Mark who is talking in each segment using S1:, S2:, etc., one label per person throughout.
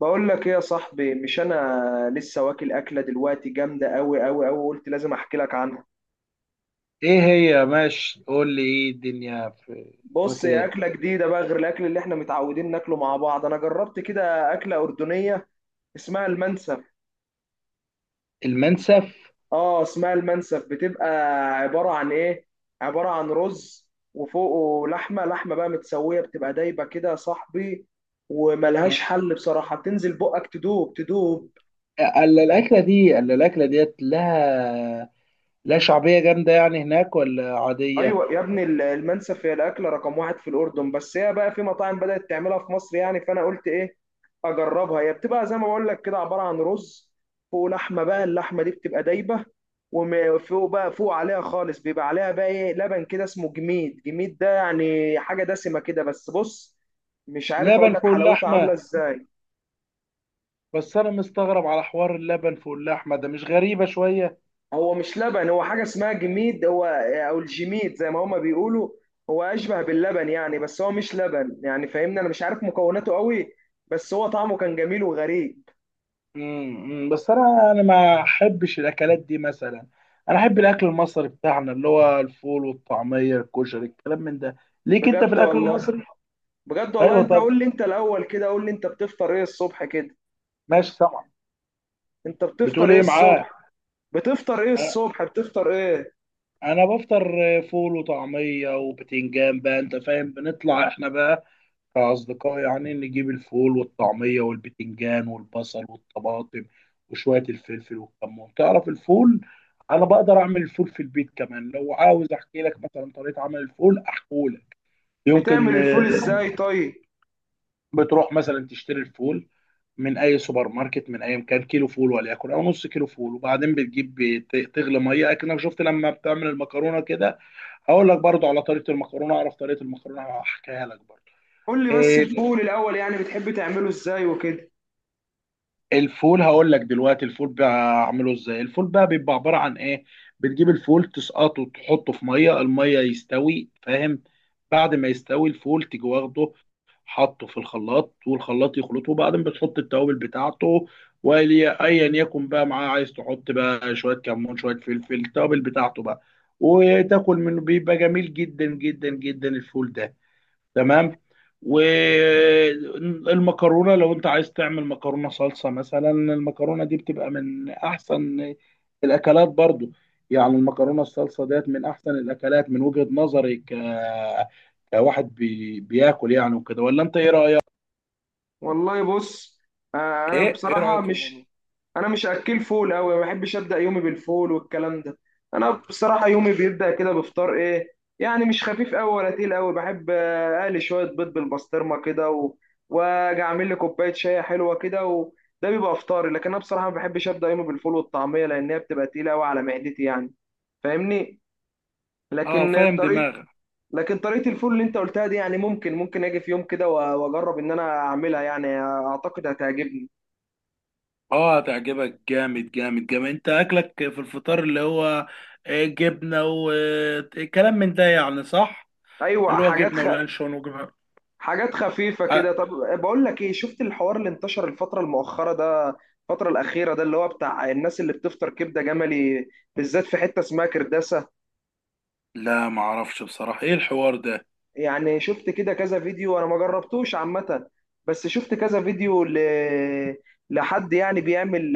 S1: بقول لك ايه يا صاحبي؟ مش انا لسه واكل اكله دلوقتي جامده قوي قوي قوي، قلت لازم احكي لك عنها.
S2: ايه هي؟ ماشي، قول لي، ايه الدنيا؟ في
S1: بص،
S2: فاكر
S1: هي
S2: ايه؟
S1: اكله جديده بقى غير الاكل اللي احنا متعودين ناكله مع بعض. انا جربت كده اكله اردنيه اسمها المنسف.
S2: المنسف.
S1: اه، اسمها المنسف، بتبقى عباره عن ايه؟ عباره عن رز وفوقه لحمه، لحمه بقى متسويه بتبقى دايبه كده يا صاحبي. وملهاش حل بصراحه، بتنزل بقك تدوب تدوب.
S2: الا الاكله ديت لها لا شعبيه جامده يعني هناك ولا عاديه؟
S1: ايوه يا ابني، المنسف هي الاكله رقم واحد في الاردن، بس هي بقى في مطاعم بدات تعملها في مصر، يعني فانا قلت ايه؟ اجربها. هي بتبقى زي ما بقول لك كده، عباره عن رز، فوق لحمه بقى، اللحمه دي بتبقى دايبه، وفوق بقى، فوق عليها خالص بيبقى عليها بقى ايه، لبن كده اسمه جميد. جميد ده يعني حاجه دسمه كده، بس بص، مش عارف اقول
S2: لبن
S1: لك
S2: فوق
S1: حلاوتها عامله
S2: اللحمه؟
S1: ازاي.
S2: بس انا مستغرب على حوار اللبن فوق اللحمه ده. مش غريبه شويه؟
S1: هو مش لبن، هو حاجة اسمها جميد، هو او الجميد زي ما هما بيقولوا. هو اشبه باللبن يعني، بس هو مش لبن يعني، فاهمني؟ انا مش عارف مكوناته قوي، بس هو طعمه كان جميل وغريب.
S2: بس انا ما احبش الاكلات دي مثلا. انا احب الاكل المصري بتاعنا، اللي هو الفول والطعميه الكشري، الكلام من ده. ليك انت في
S1: بجد
S2: الاكل
S1: والله،
S2: المصري؟
S1: بجد والله.
S2: ايوه.
S1: انت
S2: طب
S1: قول لي انت الاول كده، قول لي انت بتفطر ايه الصبح كده؟
S2: ماشي، سامع.
S1: انت
S2: بتقول
S1: بتفطر ايه
S2: ايه معاه؟
S1: الصبح؟ بتفطر ايه الصبح؟ بتفطر ايه؟
S2: انا بفطر فول وطعميه وبتنجان بقى، انت فاهم. بنطلع احنا بقى كاصدقاء يعني، نجيب الفول والطعميه والبتنجان والبصل والطماطم وشويه الفلفل والكمون. تعرف الفول؟ انا بقدر اعمل الفول في البيت كمان، لو عاوز احكي لك مثلا طريقه عمل الفول احكولك. يمكن.
S1: بتعمل الفول ازاي طيب؟
S2: بتروح مثلا تشتري الفول من اي سوبر ماركت، من اي مكان. كيلو فول، وليكن او نص كيلو فول، وبعدين بتجيب تغلي ميه اكنك شفت لما بتعمل المكرونه كده. هقول لك برضو على طريقه المكرونه. اعرف طريقه المكرونه، هحكيها لك برضو.
S1: قول لي بس
S2: إيه.
S1: الفول الاول، يعني بتحب تعمله ازاي وكده.
S2: الفول هقول لك دلوقتي. الفول بعمله ازاي؟ الفول بقى بيبقى عباره عن ايه؟ بتجيب الفول، تسقطه، تحطه في ميه. الميه يستوي، فاهم. بعد ما يستوي الفول، تيجي واخده حطه في الخلاط، والخلاط يخلطه، وبعدين بتحط التوابل بتاعته، واللي ايا يكن بقى معاه. عايز تحط بقى شويه كمون، شويه فلفل، التوابل بتاعته بقى، وتاكل منه. بيبقى جميل جدا جدا جدا الفول ده. تمام. والمكرونه، لو انت عايز تعمل مكرونه صلصه مثلا، المكرونه دي بتبقى من احسن الاكلات برضو. يعني المكرونه الصلصه ديت من احسن الاكلات من وجهة نظري كواحد بياكل، يعني وكده. ولا انت ايه رايك؟
S1: والله بص، انا
S2: ايه
S1: بصراحه
S2: رايك في الموضوع؟
S1: مش، انا مش اكل فول قوي، ما بحبش ابدا يومي بالفول والكلام ده. انا بصراحه يومي بيبدا كده بفطار ايه، يعني مش خفيف قوي ولا تقيل قوي. بحب اقلي شويه بيض بالبسطرمه كده واجي اعمل لي كوبايه شاي حلوه كده، وده بيبقى افطاري. لكن انا بصراحه ما بحبش ابدا يومي بالفول والطعميه، لان هي بتبقى تقيله قوي على معدتي يعني، فاهمني؟
S2: اه،
S1: لكن
S2: فاهم
S1: طريقه،
S2: دماغك.
S1: لكن طريقة الفول اللي انت قلتها دي يعني ممكن، ممكن اجي في يوم كده واجرب ان انا اعملها، يعني اعتقد هتعجبني.
S2: اه، هتعجبك جامد جامد جامد. انت اكلك في الفطار، اللي هو جبنه وكلام من ده يعني، صح؟
S1: ايوه
S2: اللي هو
S1: حاجات
S2: جبنه ولانشون وجبنه.
S1: حاجات خفيفة كده. طب، بقول لك ايه، شفت الحوار اللي انتشر الفترة المؤخرة ده، الفترة الأخيرة ده، اللي هو بتاع الناس اللي بتفطر كبدة جملي بالذات في حتة اسمها كرداسة؟
S2: لا، معرفش بصراحة ايه الحوار ده.
S1: يعني شفت كده كذا فيديو، انا ما جربتوش عامة، بس شفت كذا فيديو لحد يعني بيعمل،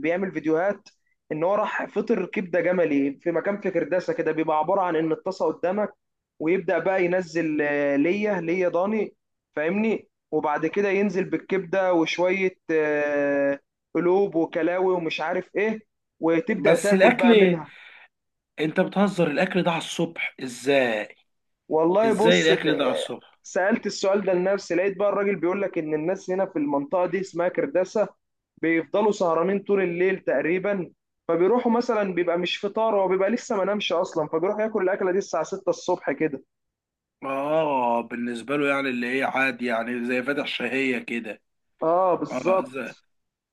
S1: بيعمل فيديوهات ان هو راح فطر كبدة جملي في مكان في كرداسة كده. بيبقى عبارة عن ان الطاسة قدامك، ويبدأ بقى ينزل ليا، ليا ضاني، فاهمني؟ وبعد كده ينزل بالكبدة وشوية قلوب وكلاوي ومش عارف ايه، وتبدأ
S2: بس
S1: تاكل بقى
S2: الاكل،
S1: منها.
S2: انت بتهزر الاكل ده على الصبح ازاي؟
S1: والله
S2: ازاي
S1: بص
S2: الاكل ده على الصبح؟
S1: سألت السؤال ده لنفسي، لقيت بقى الراجل بيقول لك إن الناس هنا في المنطقة دي اسمها كرداسة بيفضلوا سهرانين طول الليل تقريبا، فبيروحوا مثلا، بيبقى مش فطار، هو بيبقى لسه ما نامش أصلا، فبيروح ياكل الأكلة دي الساعة 6 الصبح كده.
S2: اه، بالنسبة له يعني، اللي هي عادي يعني، زي فاتح شهية كده.
S1: آه
S2: اه،
S1: بالظبط.
S2: ازاي؟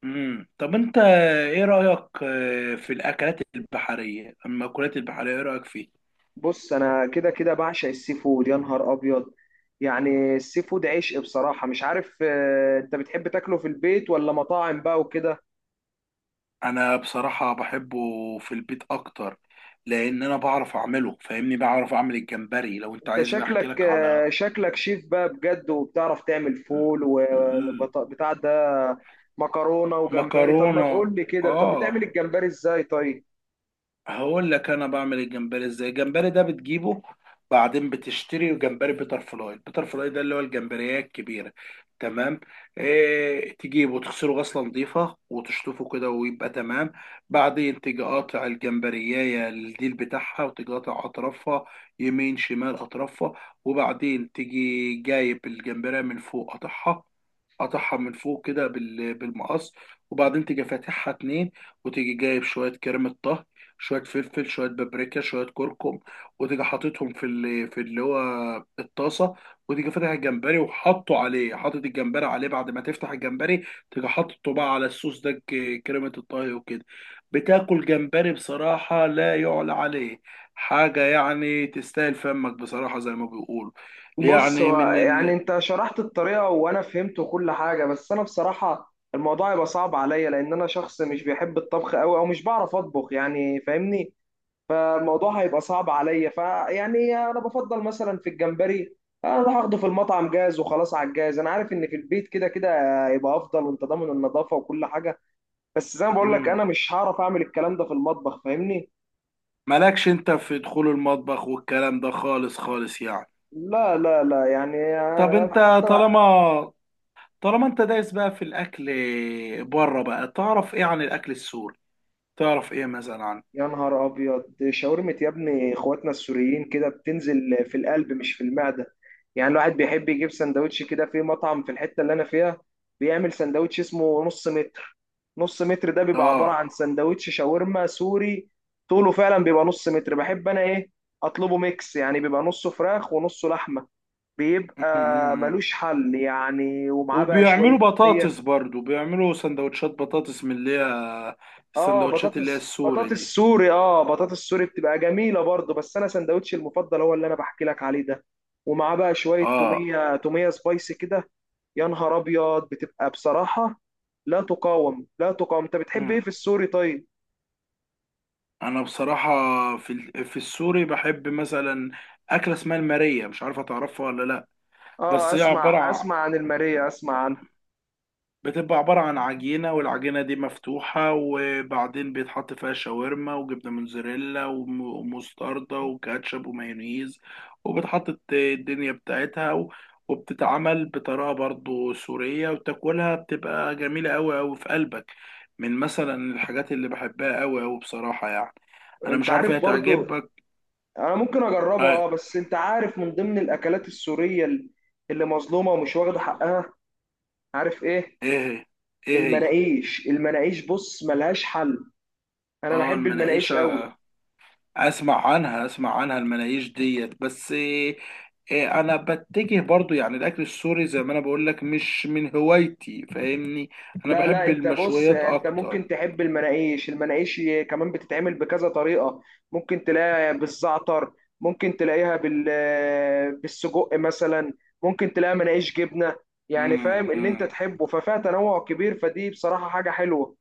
S2: طب انت ايه رأيك في الاكلات البحرية، المأكولات البحرية؟ ايه رأيك فيه؟
S1: بص أنا كده كده بعشق السي فود، يا نهار أبيض. يعني السي فود عشق بصراحة، مش عارف أنت بتحب تاكله في البيت ولا مطاعم بقى وكده؟
S2: انا بصراحة بحبه في البيت اكتر، لان انا بعرف اعمله، فاهمني. بعرف اعمل الجمبري، لو انت
S1: انت
S2: عايزني احكي
S1: شكلك،
S2: لك على
S1: شكلك شيف بقى بجد، وبتعرف تعمل فول وبتاع ده، مكرونه وجمبري. طب ما
S2: مكرونة.
S1: تقول لي كده، طب
S2: اه،
S1: بتعمل الجمبري ازاي طيب؟
S2: هقول لك انا بعمل الجمبري ازاي. الجمبري ده بتجيبه، بعدين بتشتري جمبري بيتر فلاي. البيتر فلاي ده اللي هو الجمبريه الكبيره، تمام. إيه، تجيبه تغسله غسله نظيفه وتشطفه كده ويبقى تمام. بعدين تيجي قاطع الجمبريه الديل بتاعها، وتيجي قاطع اطرافها، يمين شمال اطرافها. وبعدين تيجي جايب الجمبريه من فوق، قاطعها. قاطعها من فوق كده بالمقص. وبعدين تيجي فاتحها اتنين. وتيجي جايب شويه كريمه طهي، شويه فلفل، شويه بابريكا، شويه كركم، وتيجي حاططهم في اللي هو الطاسه. وتيجي فاتح الجمبري وحاطه عليه، حاطط الجمبري عليه بعد ما تفتح الجمبري. تيجي حاطه بقى على الصوص ده، كريمه الطهي وكده. بتاكل جمبري، بصراحه لا يعلى عليه. حاجه يعني تستاهل فمك، بصراحه، زي ما بيقولوا.
S1: بص،
S2: يعني
S1: هو
S2: من
S1: يعني
S2: ال
S1: انت شرحت الطريقه وانا فهمت كل حاجه، بس انا بصراحه الموضوع يبقى صعب عليا، لان انا شخص مش بيحب الطبخ قوي او مش بعرف اطبخ، يعني فاهمني؟ فالموضوع هيبقى صعب عليا، فيعني انا بفضل مثلا في الجمبري اروح اخده في المطعم جاهز وخلاص، على الجاهز. انا عارف ان في البيت كده كده يبقى افضل، وانت ضامن النظافه وكل حاجه، بس زي ما بقول لك
S2: مم.
S1: انا مش هعرف اعمل الكلام ده في المطبخ، فاهمني؟
S2: مالكش انت في دخول المطبخ والكلام ده خالص خالص يعني.
S1: لا لا لا، يعني
S2: طب انت،
S1: حتى.
S2: طالما طالما انت دايس بقى في الاكل بره بقى، تعرف ايه عن الاكل السوري؟ تعرف ايه مثلا عن؟
S1: يا نهار ابيض، شاورمة يا ابني اخواتنا السوريين كده بتنزل في القلب مش في المعدة. يعني الواحد بيحب يجيب سندوتش كده في مطعم في الحتة اللي انا فيها، بيعمل سندوتش اسمه نص متر. نص متر ده بيبقى عبارة
S2: اه.
S1: عن سندوتش شاورما سوري، طوله فعلا بيبقى نص متر. بحب انا ايه، اطلبه ميكس، يعني بيبقى نصه فراخ ونصه لحمة، بيبقى
S2: م-م-م.
S1: ملوش حل يعني. ومعاه بقى
S2: وبيعملوا
S1: شوية مية،
S2: بطاطس برضو. بيعملوا سندوتشات بطاطس من اللي هي
S1: اه
S2: السندوتشات اللي هي
S1: بطاطس،
S2: السوري
S1: بطاطس
S2: دي.
S1: سوري، اه بطاطس سوري بتبقى جميله برضه، بس انا سندوتشي المفضل هو اللي انا بحكي لك عليه ده، ومعاه بقى شويه
S2: اه.
S1: توميه، توميه سبايسي كده. يا نهار ابيض، بتبقى بصراحه لا تقاوم، لا تقاوم. انت بتحب ايه
S2: م.
S1: في السوري طيب؟
S2: انا بصراحة في في السوري بحب مثلا اكلة اسمها المارية، مش عارفة تعرفها ولا لا.
S1: اه،
S2: بس هي
S1: اسمع،
S2: عبارة،
S1: اسمع عن الماريه، اسمع عنها.
S2: بتبقى عبارة عن عجينة، والعجينة دي مفتوحة، وبعدين بيتحط فيها شاورما وجبنة موتزاريلا ومستردة وكاتشب ومايونيز. وبتحط الدنيا بتاعتها وبتتعمل بطريقة برضو سورية، وتاكلها بتبقى جميلة أوي أوي في قلبك. من مثلا الحاجات اللي بحبها أوي أوي بصراحة يعني. أنا
S1: انت
S2: مش عارف هي
S1: عارف برضو،
S2: تعجبك.
S1: انا ممكن اجربها
S2: آه،
S1: اه، بس انت عارف من ضمن الاكلات السوريه اللي مظلومه ومش واخده حقها، عارف ايه؟
S2: إيه هي؟ إيه هي؟
S1: المناقيش، المناقيش بص ملهاش حل. انا
S2: آه،
S1: بحب المناقيش قوي.
S2: المناقيشة. اسمع عنها، اسمع عنها. المناقيش ديت، بس إيه. إيه، انا بتجه برضو يعني، الاكل السوري زي ما انا بقول لك مش من هوايتي، فاهمني. انا
S1: لا لا،
S2: بحب
S1: انت بص،
S2: المشويات
S1: انت ممكن
S2: اكتر.
S1: تحب المناقيش. المناقيش كمان بتتعمل بكذا طريقة، ممكن تلاقيها بالزعتر، ممكن تلاقيها بال، بالسجق مثلا، ممكن تلاقيها مناقيش جبنة، يعني
S2: مم،
S1: فاهم اللي انت
S2: مم.
S1: تحبه، ففيها تنوع كبير، فدي بصراحة حاجة حلوة.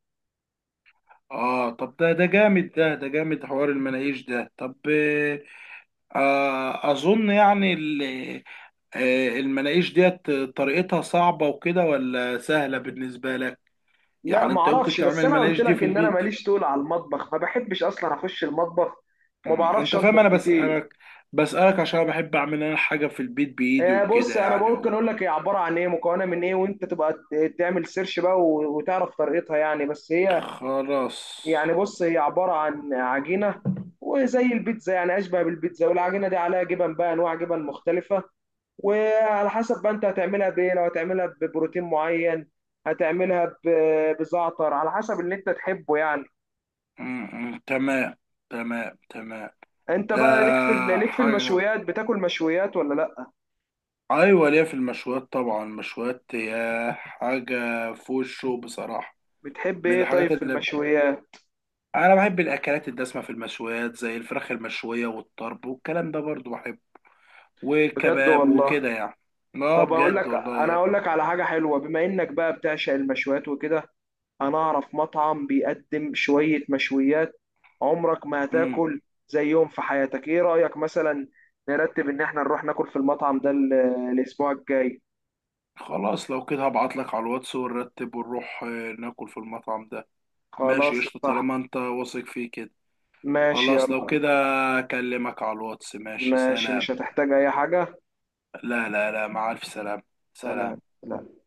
S2: اه طب، ده جامد، ده جامد حوار المناقيش ده. طب إيه، اظن يعني المناقيش ديت طريقتها صعبة وكده ولا سهلة بالنسبة لك؟
S1: لا
S2: يعني انت ممكن
S1: معرفش،
S2: تعمل
S1: بس انا قلت
S2: المناقيش دي
S1: لك
S2: في
S1: ان انا
S2: البيت؟
S1: ماليش طول على المطبخ، ما بحبش اصلا اخش المطبخ وما
S2: مم.
S1: بعرفش
S2: انت فاهم
S1: اطبخ
S2: انا
S1: كتير.
S2: بسألك، بسألك عشان بحب اعمل انا حاجة في البيت بايدي
S1: بص
S2: وكده
S1: انا
S2: يعني
S1: ممكن اقول لك هي عباره عن ايه، مكونه من ايه، وانت تبقى تعمل سيرش بقى وتعرف طريقتها يعني. بس هي
S2: خلاص.
S1: يعني، بص، هي عباره عن عجينه، وزي البيتزا يعني، اشبه بالبيتزا، والعجينه دي عليها جبن بقى، انواع جبن مختلفه. وعلى حسب بقى انت هتعملها بايه، لو هتعملها ببروتين معين، هتعملها بزعتر، على حسب اللي انت تحبه يعني.
S2: مم. مم. تمام. تمام تمام.
S1: انت
S2: ده
S1: بقى ليك في ليك في
S2: حاجة،
S1: المشويات، بتاكل مشويات ولا لا؟
S2: ايوه ليا في المشويات طبعا. المشويات هي حاجة فوق الشو بصراحة،
S1: بتحب
S2: من
S1: ايه طيب
S2: الحاجات
S1: في
S2: اللي
S1: المشويات؟
S2: انا بحب الاكلات الدسمة في المشويات، زي الفراخ المشوية والطرب والكلام ده برضو بحبه،
S1: بجد
S2: والكباب
S1: والله.
S2: وكده يعني. اه
S1: طب اقول
S2: بجد
S1: لك، انا
S2: والله.
S1: اقول لك على حاجه حلوه، بما انك بقى بتعشق المشويات وكده، انا اعرف مطعم بيقدم شويه مشويات عمرك ما
S2: مم.
S1: هتاكل زيهم في حياتك. ايه رايك مثلا نرتب ان احنا نروح ناكل في المطعم ده الاسبوع الجاي؟
S2: خلاص، لو كده هبعت لك على الواتس، ونرتب ونروح ناكل في المطعم ده. ماشي
S1: خلاص
S2: قشطة،
S1: صح،
S2: طالما انت واثق فيه كده.
S1: ماشي
S2: خلاص، لو
S1: يلا.
S2: كده اكلمك على الواتس. ماشي،
S1: ماشي
S2: سلام.
S1: مش هتحتاج اي حاجه.
S2: لا لا لا، مع الف سلام. سلام.
S1: سلام سلام.